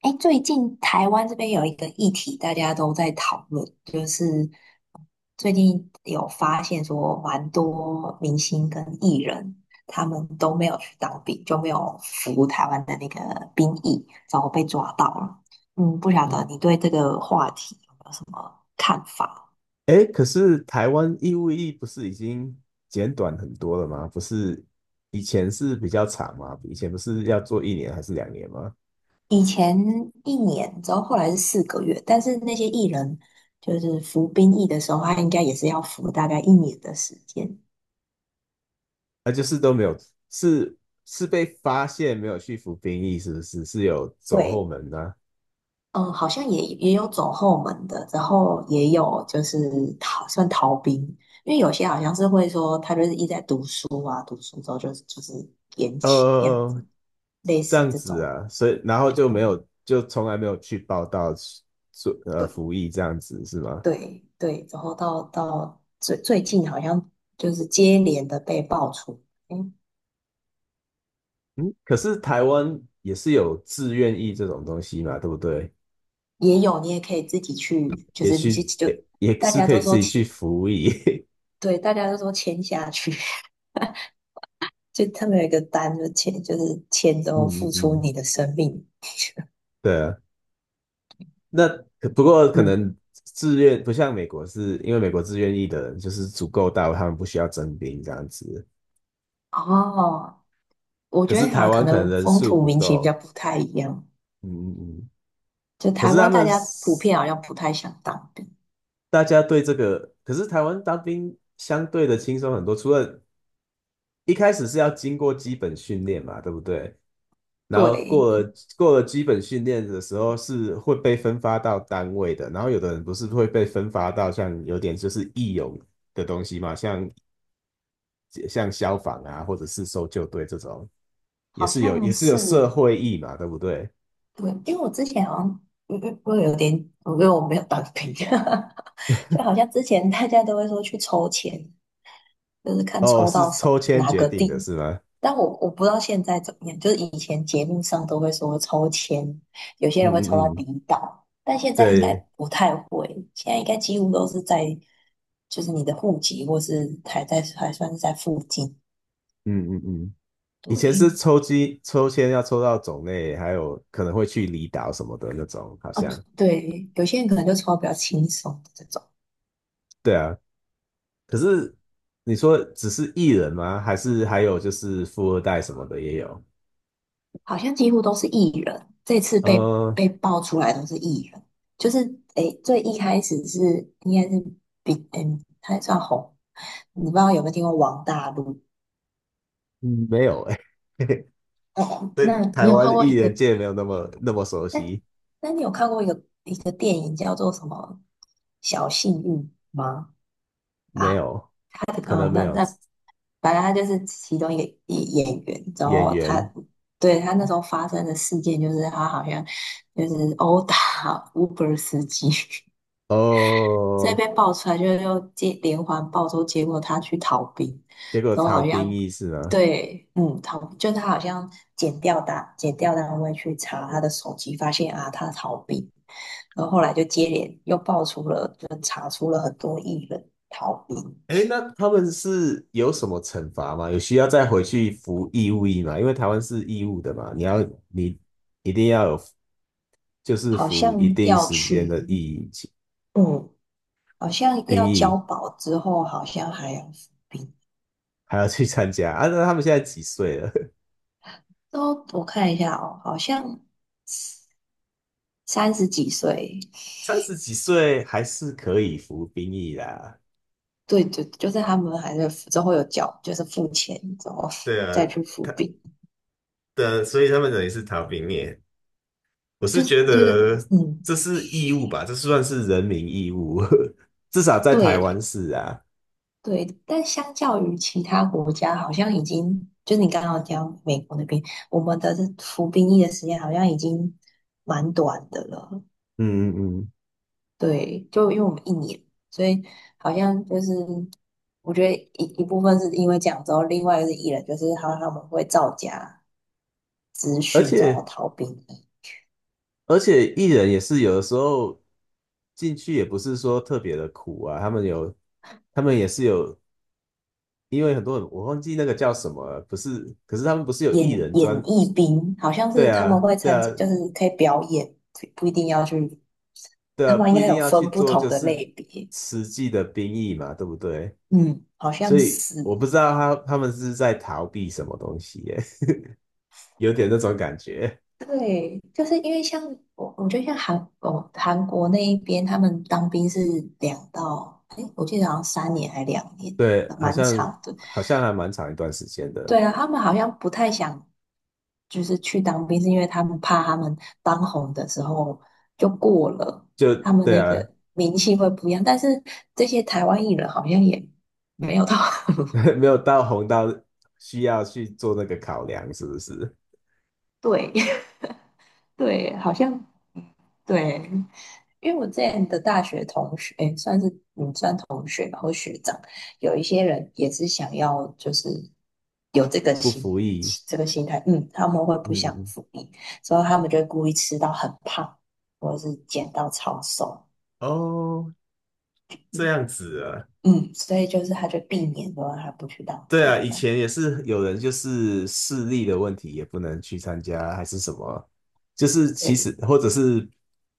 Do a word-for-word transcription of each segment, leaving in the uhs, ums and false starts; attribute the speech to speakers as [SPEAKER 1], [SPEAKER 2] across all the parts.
[SPEAKER 1] 哎，最近台湾这边有一个议题，大家都在讨论，就是最近有发现说，蛮多明星跟艺人他们都没有去当兵，就没有服台湾的那个兵役，然后被抓到了。嗯，不晓得嗯你对这个话题有没有什么看法？
[SPEAKER 2] 哎，可是台湾义务役不是已经简短很多了吗？不是以前是比较长吗？以前不是要做一年还是两年吗？
[SPEAKER 1] 以前一年，之后后来是四个月，但是那些艺人就是服兵役的时候，他应该也是要服大概一年的时间。
[SPEAKER 2] 啊，就是都没有，是是被发现没有去服兵役，是不是？是有走后
[SPEAKER 1] 对，
[SPEAKER 2] 门呢、
[SPEAKER 1] 嗯，好像也也有走后门的，然后也有就是逃算逃兵，因为有些好像是会说他就是一直在读书啊，读书之后就是就是延期这样
[SPEAKER 2] 呃，
[SPEAKER 1] 子，类
[SPEAKER 2] 这
[SPEAKER 1] 似
[SPEAKER 2] 样
[SPEAKER 1] 这
[SPEAKER 2] 子
[SPEAKER 1] 种。
[SPEAKER 2] 啊，所以然后就没有，就从来没有去报道做呃服
[SPEAKER 1] 对
[SPEAKER 2] 役这样子是吗？
[SPEAKER 1] 对对，然后到到最最近好像就是接连的被爆出。嗯，
[SPEAKER 2] 嗯，可是台湾也是有志愿役这种东西嘛，对不对？
[SPEAKER 1] 也有你也可以自己去，就
[SPEAKER 2] 也
[SPEAKER 1] 是有些
[SPEAKER 2] 去
[SPEAKER 1] 就
[SPEAKER 2] 也也
[SPEAKER 1] 大
[SPEAKER 2] 是
[SPEAKER 1] 家
[SPEAKER 2] 可以
[SPEAKER 1] 都
[SPEAKER 2] 自
[SPEAKER 1] 说
[SPEAKER 2] 己去
[SPEAKER 1] 签，
[SPEAKER 2] 服役。
[SPEAKER 1] 对，大家都说签下去。就他们有一个单，就签就是签之
[SPEAKER 2] 嗯
[SPEAKER 1] 后
[SPEAKER 2] 嗯
[SPEAKER 1] 付出
[SPEAKER 2] 嗯，
[SPEAKER 1] 你的生命。
[SPEAKER 2] 对啊，那不过可
[SPEAKER 1] 嗯。
[SPEAKER 2] 能自愿不像美国是，因为美国自愿役的人就是足够大，他们不需要征兵这样子。
[SPEAKER 1] 哦。我
[SPEAKER 2] 可
[SPEAKER 1] 觉得
[SPEAKER 2] 是
[SPEAKER 1] 好
[SPEAKER 2] 台
[SPEAKER 1] 像可
[SPEAKER 2] 湾可能
[SPEAKER 1] 能
[SPEAKER 2] 人
[SPEAKER 1] 风
[SPEAKER 2] 数
[SPEAKER 1] 土
[SPEAKER 2] 不
[SPEAKER 1] 民情比较
[SPEAKER 2] 够，
[SPEAKER 1] 不太一样，
[SPEAKER 2] 嗯嗯嗯。
[SPEAKER 1] 就
[SPEAKER 2] 可
[SPEAKER 1] 台
[SPEAKER 2] 是他
[SPEAKER 1] 湾大
[SPEAKER 2] 们
[SPEAKER 1] 家普
[SPEAKER 2] 是
[SPEAKER 1] 遍好像不太想当兵。
[SPEAKER 2] 大家对这个，可是台湾当兵相对的轻松很多，除了一开始是要经过基本训练嘛，对不对？然后
[SPEAKER 1] 对。
[SPEAKER 2] 过了过了基本训练的时候是会被分发到单位的，然后有的人不是会被分发到像有点就是义勇的东西嘛，像像消防啊，或者是搜救队这种，也
[SPEAKER 1] 好
[SPEAKER 2] 是有
[SPEAKER 1] 像
[SPEAKER 2] 也是有
[SPEAKER 1] 是。
[SPEAKER 2] 社会义嘛，对不对？
[SPEAKER 1] 对，因为我之前好像嗯嗯会有点，因得我没有当兵，就好像之前大家都会说去抽签，就是看
[SPEAKER 2] 哦，
[SPEAKER 1] 抽
[SPEAKER 2] 是
[SPEAKER 1] 到什么
[SPEAKER 2] 抽签
[SPEAKER 1] 哪
[SPEAKER 2] 决
[SPEAKER 1] 个
[SPEAKER 2] 定
[SPEAKER 1] 地。
[SPEAKER 2] 的是吗？
[SPEAKER 1] 但我我不知道现在怎么样，就是以前节目上都会说抽签，有些人会抽到
[SPEAKER 2] 嗯嗯嗯，
[SPEAKER 1] 离岛，但现在应该
[SPEAKER 2] 对，
[SPEAKER 1] 不太会，现在应该几乎都是在就是你的户籍或是还在还算是在附近。
[SPEAKER 2] 嗯嗯嗯，以前
[SPEAKER 1] 对。
[SPEAKER 2] 是抽机抽签要抽到种类，还有可能会去离岛什么的那种，好
[SPEAKER 1] 啊。
[SPEAKER 2] 像。
[SPEAKER 1] 对，有些人可能就抽到比较轻松的这种。
[SPEAKER 2] 对啊，可是你说只是艺人吗？还是还有就是富二代什么的也有？
[SPEAKER 1] 好像几乎都是艺人，这次被
[SPEAKER 2] 呃，
[SPEAKER 1] 被爆出来都是艺人。就是诶最一开始是应该是比嗯他算红，你不知道有没有听过王大陆？
[SPEAKER 2] 嗯没有哎、欸，
[SPEAKER 1] 哦，那
[SPEAKER 2] 对台
[SPEAKER 1] 你有看
[SPEAKER 2] 湾
[SPEAKER 1] 过
[SPEAKER 2] 艺
[SPEAKER 1] 一
[SPEAKER 2] 人
[SPEAKER 1] 个？
[SPEAKER 2] 界没有那么那么熟
[SPEAKER 1] 那
[SPEAKER 2] 悉，
[SPEAKER 1] 那你有看过一个一个电影叫做什么《小幸运》吗？
[SPEAKER 2] 没
[SPEAKER 1] 啊，
[SPEAKER 2] 有，
[SPEAKER 1] 他的
[SPEAKER 2] 可能
[SPEAKER 1] 啊，
[SPEAKER 2] 没
[SPEAKER 1] 那
[SPEAKER 2] 有
[SPEAKER 1] 那反正他就是其中一个一演员，然
[SPEAKER 2] 演
[SPEAKER 1] 后他
[SPEAKER 2] 员
[SPEAKER 1] 对他那时候发生的事件就是他好像就是殴打 Uber 司机，所以
[SPEAKER 2] 哦。
[SPEAKER 1] 被爆出来就又接连环爆之后，结果他去逃兵。
[SPEAKER 2] 结果
[SPEAKER 1] 然后
[SPEAKER 2] 曹
[SPEAKER 1] 好
[SPEAKER 2] 兵
[SPEAKER 1] 像
[SPEAKER 2] 役是吗？
[SPEAKER 1] 对，嗯，逃就他好像检调单检调单位去查他的手机，发现啊他逃兵。然后后来就接连又爆出了，就查出了很多艺人逃兵。
[SPEAKER 2] 哎，那他们是有什么惩罚吗？有需要再回去服义务役吗？因为台湾是义务的嘛，你要你一定要有就是
[SPEAKER 1] 好
[SPEAKER 2] 服一
[SPEAKER 1] 像
[SPEAKER 2] 定
[SPEAKER 1] 要
[SPEAKER 2] 时间
[SPEAKER 1] 去，
[SPEAKER 2] 的役役
[SPEAKER 1] 嗯，好像要
[SPEAKER 2] 兵
[SPEAKER 1] 交
[SPEAKER 2] 役。
[SPEAKER 1] 保之后，好像还要服兵。
[SPEAKER 2] 还要去参加啊？那他们现在几岁了？
[SPEAKER 1] 都我看一下哦，好像三十几岁。
[SPEAKER 2] 三十几岁还是可以服兵役啦。
[SPEAKER 1] 对对，就是他们还是之后有缴，就是付钱之后
[SPEAKER 2] 对 啊，
[SPEAKER 1] 再去服
[SPEAKER 2] 他
[SPEAKER 1] 役。
[SPEAKER 2] 的，所以他们等于是逃兵役。我是
[SPEAKER 1] 就是
[SPEAKER 2] 觉
[SPEAKER 1] 觉得
[SPEAKER 2] 得
[SPEAKER 1] 嗯，
[SPEAKER 2] 这是义务吧？这算是人民义务，至少在台湾
[SPEAKER 1] 对
[SPEAKER 2] 是啊。
[SPEAKER 1] 对，但相较于其他国家，好像已经就是你刚刚讲美国那边，我们的这服兵役的时间好像已经蛮短的了。
[SPEAKER 2] 嗯嗯嗯，
[SPEAKER 1] 对，就因为我们一年，所以好像就是我觉得一一部分是因为这样之后，另外一个是艺人，就是好像他们会造假资
[SPEAKER 2] 而
[SPEAKER 1] 讯然后
[SPEAKER 2] 且
[SPEAKER 1] 逃兵役
[SPEAKER 2] 而且艺人也是有的时候进去也不是说特别的苦啊，他们有他们也是有，因为很多人我忘记那个叫什么了，不是，可是他们不是有
[SPEAKER 1] 演
[SPEAKER 2] 艺人
[SPEAKER 1] 演
[SPEAKER 2] 专
[SPEAKER 1] 艺兵，好像
[SPEAKER 2] 对
[SPEAKER 1] 是他们
[SPEAKER 2] 啊，
[SPEAKER 1] 会
[SPEAKER 2] 对
[SPEAKER 1] 参
[SPEAKER 2] 啊，
[SPEAKER 1] 加，就是可以表演，不不一定要去。
[SPEAKER 2] 对
[SPEAKER 1] 他
[SPEAKER 2] 啊，
[SPEAKER 1] 们应
[SPEAKER 2] 不一
[SPEAKER 1] 该
[SPEAKER 2] 定
[SPEAKER 1] 有
[SPEAKER 2] 要去
[SPEAKER 1] 分不
[SPEAKER 2] 做，
[SPEAKER 1] 同
[SPEAKER 2] 就
[SPEAKER 1] 的
[SPEAKER 2] 是
[SPEAKER 1] 类别，
[SPEAKER 2] 实际的兵役嘛，对不对？
[SPEAKER 1] 嗯，好
[SPEAKER 2] 所
[SPEAKER 1] 像
[SPEAKER 2] 以
[SPEAKER 1] 是。
[SPEAKER 2] 我不知道他他们是在逃避什么东西耶，有点那种感觉。
[SPEAKER 1] 对，就是因为像我，我觉得像韩哦韩国那一边，他们当兵是两到，哎，我记得好像三年还两年，
[SPEAKER 2] 对，好
[SPEAKER 1] 蛮
[SPEAKER 2] 像
[SPEAKER 1] 长的。
[SPEAKER 2] 好像还蛮长一段时间的，
[SPEAKER 1] 对啊，他们好像不太想，就是去当兵，是因为他们怕他们当红的时候就过了，
[SPEAKER 2] 就
[SPEAKER 1] 他们
[SPEAKER 2] 对
[SPEAKER 1] 那
[SPEAKER 2] 啊，
[SPEAKER 1] 个名气会不一样。但是这些台湾艺人好像也没有到。
[SPEAKER 2] 没有到红到需要去做那个考量，是不是？
[SPEAKER 1] 对。 对，好像对，因为我这样的大学同学，算是有一些人也是想要，就是有这个
[SPEAKER 2] 不服
[SPEAKER 1] 心
[SPEAKER 2] 役，
[SPEAKER 1] 这个心态，嗯，他们会不想
[SPEAKER 2] 嗯，
[SPEAKER 1] 服役，所以他们就会故意吃到很胖，或者是减到超瘦。
[SPEAKER 2] 哦，这样子啊，
[SPEAKER 1] 嗯，所以就是他就避免说他不去当
[SPEAKER 2] 对
[SPEAKER 1] 兵
[SPEAKER 2] 啊，以
[SPEAKER 1] 这样。
[SPEAKER 2] 前也是有人就是视力的问题也不能去参加，还是什么，就是其
[SPEAKER 1] 对。
[SPEAKER 2] 实或者是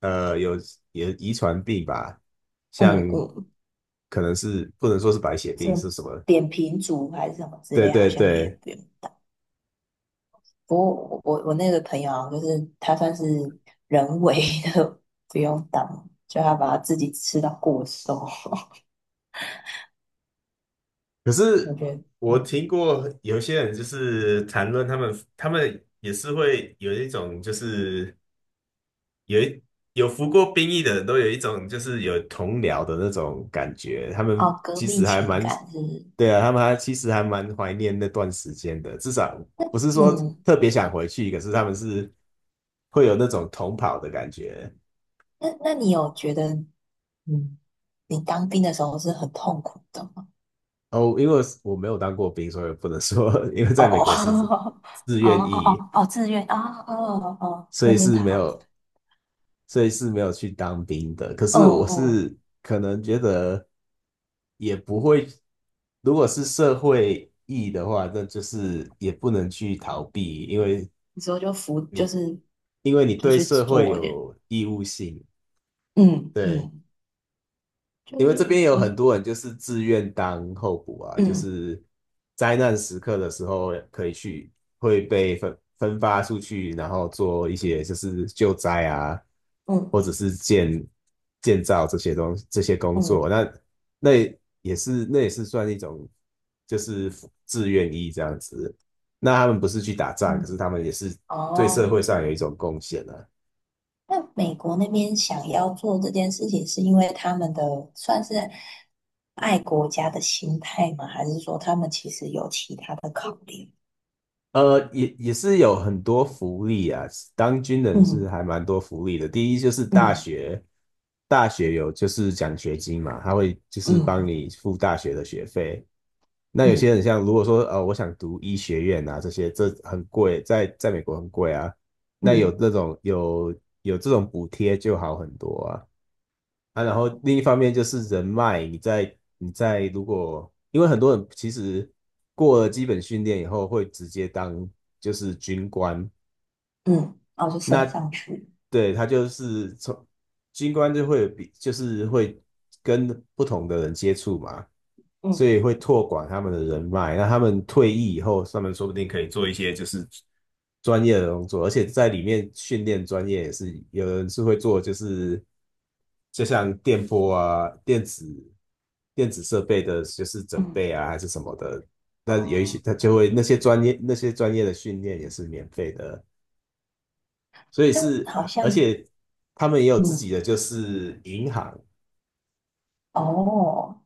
[SPEAKER 2] 呃有也遗传病吧，
[SPEAKER 1] 嗯
[SPEAKER 2] 像
[SPEAKER 1] 嗯。
[SPEAKER 2] 可能是不能说是白血
[SPEAKER 1] 这
[SPEAKER 2] 病是什么，
[SPEAKER 1] 扁平足还是什么之
[SPEAKER 2] 对
[SPEAKER 1] 类，好
[SPEAKER 2] 对
[SPEAKER 1] 像也
[SPEAKER 2] 对。
[SPEAKER 1] 不用当。不过我我我那个朋友啊，就是他算是人为的 不用当，就他把他自己吃到过瘦。
[SPEAKER 2] 可
[SPEAKER 1] 我
[SPEAKER 2] 是
[SPEAKER 1] 觉得，
[SPEAKER 2] 我听
[SPEAKER 1] 嗯，
[SPEAKER 2] 过有些人就是谈论他们，他们也是会有一种就是有一有服过兵役的人都有一种就是有同僚的那种感觉，他们
[SPEAKER 1] 哦，革
[SPEAKER 2] 其
[SPEAKER 1] 命
[SPEAKER 2] 实还
[SPEAKER 1] 情
[SPEAKER 2] 蛮，
[SPEAKER 1] 感是
[SPEAKER 2] 对啊，他们还其实还蛮怀念那段时间的，至少不是
[SPEAKER 1] 那
[SPEAKER 2] 说
[SPEAKER 1] 种。
[SPEAKER 2] 特别想回去，可是他们是会有那种同跑的感觉。
[SPEAKER 1] 那那你有觉得，嗯，你当兵的时候是很痛苦的吗？
[SPEAKER 2] 哦，因为我没有当过兵，所以不能说，因为
[SPEAKER 1] 哦
[SPEAKER 2] 在美
[SPEAKER 1] 哦
[SPEAKER 2] 国是 自
[SPEAKER 1] 哦
[SPEAKER 2] 愿
[SPEAKER 1] 哦
[SPEAKER 2] 役，
[SPEAKER 1] 哦哦，自愿啊哦哦哦，
[SPEAKER 2] 所
[SPEAKER 1] 那
[SPEAKER 2] 以
[SPEAKER 1] 边
[SPEAKER 2] 是没
[SPEAKER 1] 好。
[SPEAKER 2] 有，所以是没有去当兵的。可
[SPEAKER 1] 嗯
[SPEAKER 2] 是我
[SPEAKER 1] 嗯，
[SPEAKER 2] 是可能觉得也不会，如果是社会意义的话，那就是也不能去逃避，因为
[SPEAKER 1] 你之后就服就
[SPEAKER 2] 你
[SPEAKER 1] 是
[SPEAKER 2] 因为你
[SPEAKER 1] 就
[SPEAKER 2] 对
[SPEAKER 1] 去
[SPEAKER 2] 社会
[SPEAKER 1] 做一点。
[SPEAKER 2] 有义务性，
[SPEAKER 1] 嗯
[SPEAKER 2] 对。
[SPEAKER 1] 嗯，
[SPEAKER 2] 因
[SPEAKER 1] 就
[SPEAKER 2] 为
[SPEAKER 1] 是
[SPEAKER 2] 这边有
[SPEAKER 1] 我
[SPEAKER 2] 很
[SPEAKER 1] 是
[SPEAKER 2] 多人就是自愿当候补啊，就
[SPEAKER 1] 嗯
[SPEAKER 2] 是灾难时刻的时候可以去，会被分分发出去，然后做一些就是救灾啊，
[SPEAKER 1] 嗯
[SPEAKER 2] 或者是建建造这些东这些工
[SPEAKER 1] 嗯
[SPEAKER 2] 作。那那也是那也是算一种就是自愿役这样子。那他们不是去打仗，可是
[SPEAKER 1] 嗯
[SPEAKER 2] 他们也是对社
[SPEAKER 1] 哦，
[SPEAKER 2] 会上有一种贡献啊。
[SPEAKER 1] 那美国那边想要做这件事情，是因为他们的算是爱国家的心态吗？还是说他们其实有其他的考量？
[SPEAKER 2] 呃，也也是有很多福利啊，当军人是
[SPEAKER 1] 嗯
[SPEAKER 2] 还蛮多福利的。第一就是大
[SPEAKER 1] 嗯
[SPEAKER 2] 学，大学有就是奖学金嘛，他会就是帮
[SPEAKER 1] 嗯
[SPEAKER 2] 你付大学的学费。那有些
[SPEAKER 1] 嗯
[SPEAKER 2] 人像如果说呃，我想读医学院啊，这些这很贵，在在美国很贵啊。那有
[SPEAKER 1] 嗯
[SPEAKER 2] 那种有有这种补贴就好很多啊。啊，然后另一方面就是人脉，你在你在如果，因为很多人其实过了基本训练以后会直接当就是军官，
[SPEAKER 1] 嗯，然哦，就升
[SPEAKER 2] 那
[SPEAKER 1] 上去。
[SPEAKER 2] 对他就是从军官就会有比就是会跟不同的人接触嘛，所
[SPEAKER 1] 嗯。
[SPEAKER 2] 以会拓广他们的人脉。那他们退役以后，他们说不定可以做一些就是专业的工作，而且在里面训练专业也是有人是会做，就是就像电波啊、电子电子设备的，就是准
[SPEAKER 1] 嗯，
[SPEAKER 2] 备啊还是什么的。那有一些
[SPEAKER 1] 哦，
[SPEAKER 2] 他就会那些专业那些专业的训练也是免费的。所以
[SPEAKER 1] 但
[SPEAKER 2] 是，
[SPEAKER 1] 好
[SPEAKER 2] 而
[SPEAKER 1] 像，
[SPEAKER 2] 且他们也有自己
[SPEAKER 1] 嗯，
[SPEAKER 2] 的就是银行，
[SPEAKER 1] 哦，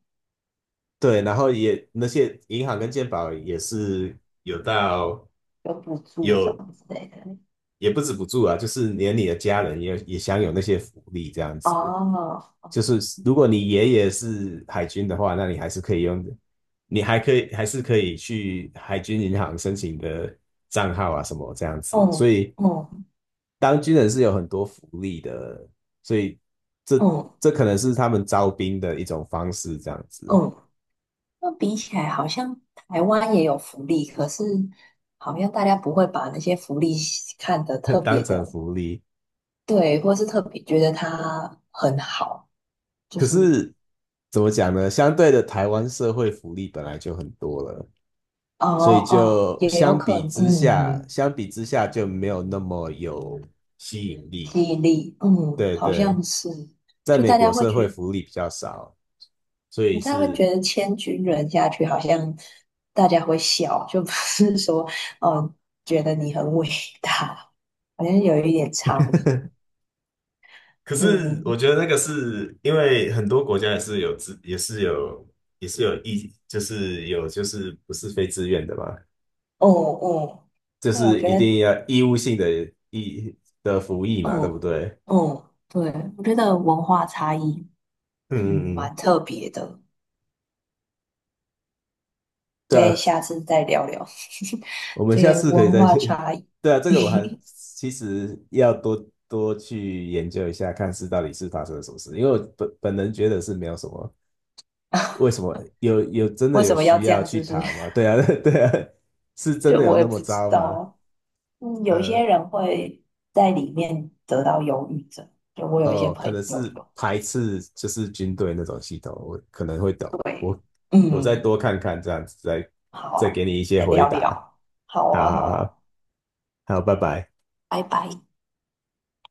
[SPEAKER 2] 对，然后也那些银行跟健保也是有到
[SPEAKER 1] 有补助什
[SPEAKER 2] 有
[SPEAKER 1] 么之类的。
[SPEAKER 2] 也不止不住啊，就是连你的家人也也享有那些福利这样子。
[SPEAKER 1] 哦。
[SPEAKER 2] 就是如果你爷爷是海军的话，那你还是可以用，你还可以还是可以去海军银行申请的账号啊什么这样子。所
[SPEAKER 1] 哦
[SPEAKER 2] 以
[SPEAKER 1] 哦
[SPEAKER 2] 当军人是有很多福利的，所以这
[SPEAKER 1] 哦
[SPEAKER 2] 这可能是他们招兵的一种方式，这样子
[SPEAKER 1] 哦。那比起来，好像台湾也有福利，可是好像大家不会把那些福利看得特
[SPEAKER 2] 当
[SPEAKER 1] 别
[SPEAKER 2] 成
[SPEAKER 1] 的，
[SPEAKER 2] 福利。
[SPEAKER 1] 对，或是特别觉得它很好，就
[SPEAKER 2] 可
[SPEAKER 1] 是，
[SPEAKER 2] 是怎么讲呢？相对的，台湾社会福利本来就很多了，
[SPEAKER 1] 哦
[SPEAKER 2] 所以
[SPEAKER 1] 哦，
[SPEAKER 2] 就
[SPEAKER 1] 也有
[SPEAKER 2] 相
[SPEAKER 1] 可
[SPEAKER 2] 比
[SPEAKER 1] 能，
[SPEAKER 2] 之
[SPEAKER 1] 嗯，
[SPEAKER 2] 下，
[SPEAKER 1] 嗯，
[SPEAKER 2] 相比之下就没有那么有吸引力。
[SPEAKER 1] 记忆力，嗯，
[SPEAKER 2] 对
[SPEAKER 1] 好
[SPEAKER 2] 对，
[SPEAKER 1] 像是，
[SPEAKER 2] 在
[SPEAKER 1] 就
[SPEAKER 2] 美
[SPEAKER 1] 大
[SPEAKER 2] 国
[SPEAKER 1] 家会
[SPEAKER 2] 社会
[SPEAKER 1] 去。
[SPEAKER 2] 福利比较少，所
[SPEAKER 1] 你
[SPEAKER 2] 以
[SPEAKER 1] 这样会
[SPEAKER 2] 是
[SPEAKER 1] 觉得千军人下去，好像大家会笑，就不是说哦，觉得你很伟大，好像有一点差异。
[SPEAKER 2] 可是我
[SPEAKER 1] 嗯，
[SPEAKER 2] 觉得那个是因为很多国家也是有自，也是有，也是有义，就是有就是不是非自愿的嘛，
[SPEAKER 1] 哦哦，
[SPEAKER 2] 就
[SPEAKER 1] 对啊，我
[SPEAKER 2] 是
[SPEAKER 1] 觉
[SPEAKER 2] 一
[SPEAKER 1] 得，
[SPEAKER 2] 定要义务性的义的服役嘛，对不
[SPEAKER 1] 嗯
[SPEAKER 2] 对？
[SPEAKER 1] 嗯，对，我觉得文化差异。
[SPEAKER 2] 嗯
[SPEAKER 1] 嗯，
[SPEAKER 2] 嗯嗯，
[SPEAKER 1] 蛮特别的，
[SPEAKER 2] 对
[SPEAKER 1] 可以
[SPEAKER 2] 啊，
[SPEAKER 1] 下次再聊聊
[SPEAKER 2] 我 们下
[SPEAKER 1] 这个
[SPEAKER 2] 次可以
[SPEAKER 1] 文
[SPEAKER 2] 再，
[SPEAKER 1] 化差异。
[SPEAKER 2] 对啊，这个我还其实要多多去研究一下，看是到底是发生了什么事，因为我本本人觉得是没有什么，为 什么有有真的
[SPEAKER 1] 为什
[SPEAKER 2] 有
[SPEAKER 1] 么要
[SPEAKER 2] 需
[SPEAKER 1] 这
[SPEAKER 2] 要
[SPEAKER 1] 样，是
[SPEAKER 2] 去
[SPEAKER 1] 不是？
[SPEAKER 2] 逃吗？对啊，对啊，是真
[SPEAKER 1] 就
[SPEAKER 2] 的有
[SPEAKER 1] 我也
[SPEAKER 2] 那
[SPEAKER 1] 不
[SPEAKER 2] 么
[SPEAKER 1] 知
[SPEAKER 2] 糟
[SPEAKER 1] 道
[SPEAKER 2] 吗？
[SPEAKER 1] 啊嗯，有
[SPEAKER 2] 呃，
[SPEAKER 1] 些人会在里面得到忧郁症，就我有一些
[SPEAKER 2] 哦，可
[SPEAKER 1] 朋
[SPEAKER 2] 能
[SPEAKER 1] 友
[SPEAKER 2] 是
[SPEAKER 1] 有。
[SPEAKER 2] 排斥就是军队那种系统，我可能会懂，我
[SPEAKER 1] 对。
[SPEAKER 2] 我再
[SPEAKER 1] 嗯。
[SPEAKER 2] 多看看这样子，再
[SPEAKER 1] 好
[SPEAKER 2] 再
[SPEAKER 1] 啊
[SPEAKER 2] 给你一些
[SPEAKER 1] 再
[SPEAKER 2] 回
[SPEAKER 1] 聊
[SPEAKER 2] 答。
[SPEAKER 1] 聊。好
[SPEAKER 2] 好
[SPEAKER 1] 啊，
[SPEAKER 2] 好
[SPEAKER 1] 好
[SPEAKER 2] 好，
[SPEAKER 1] 啊，
[SPEAKER 2] 好，拜拜。
[SPEAKER 1] 拜拜。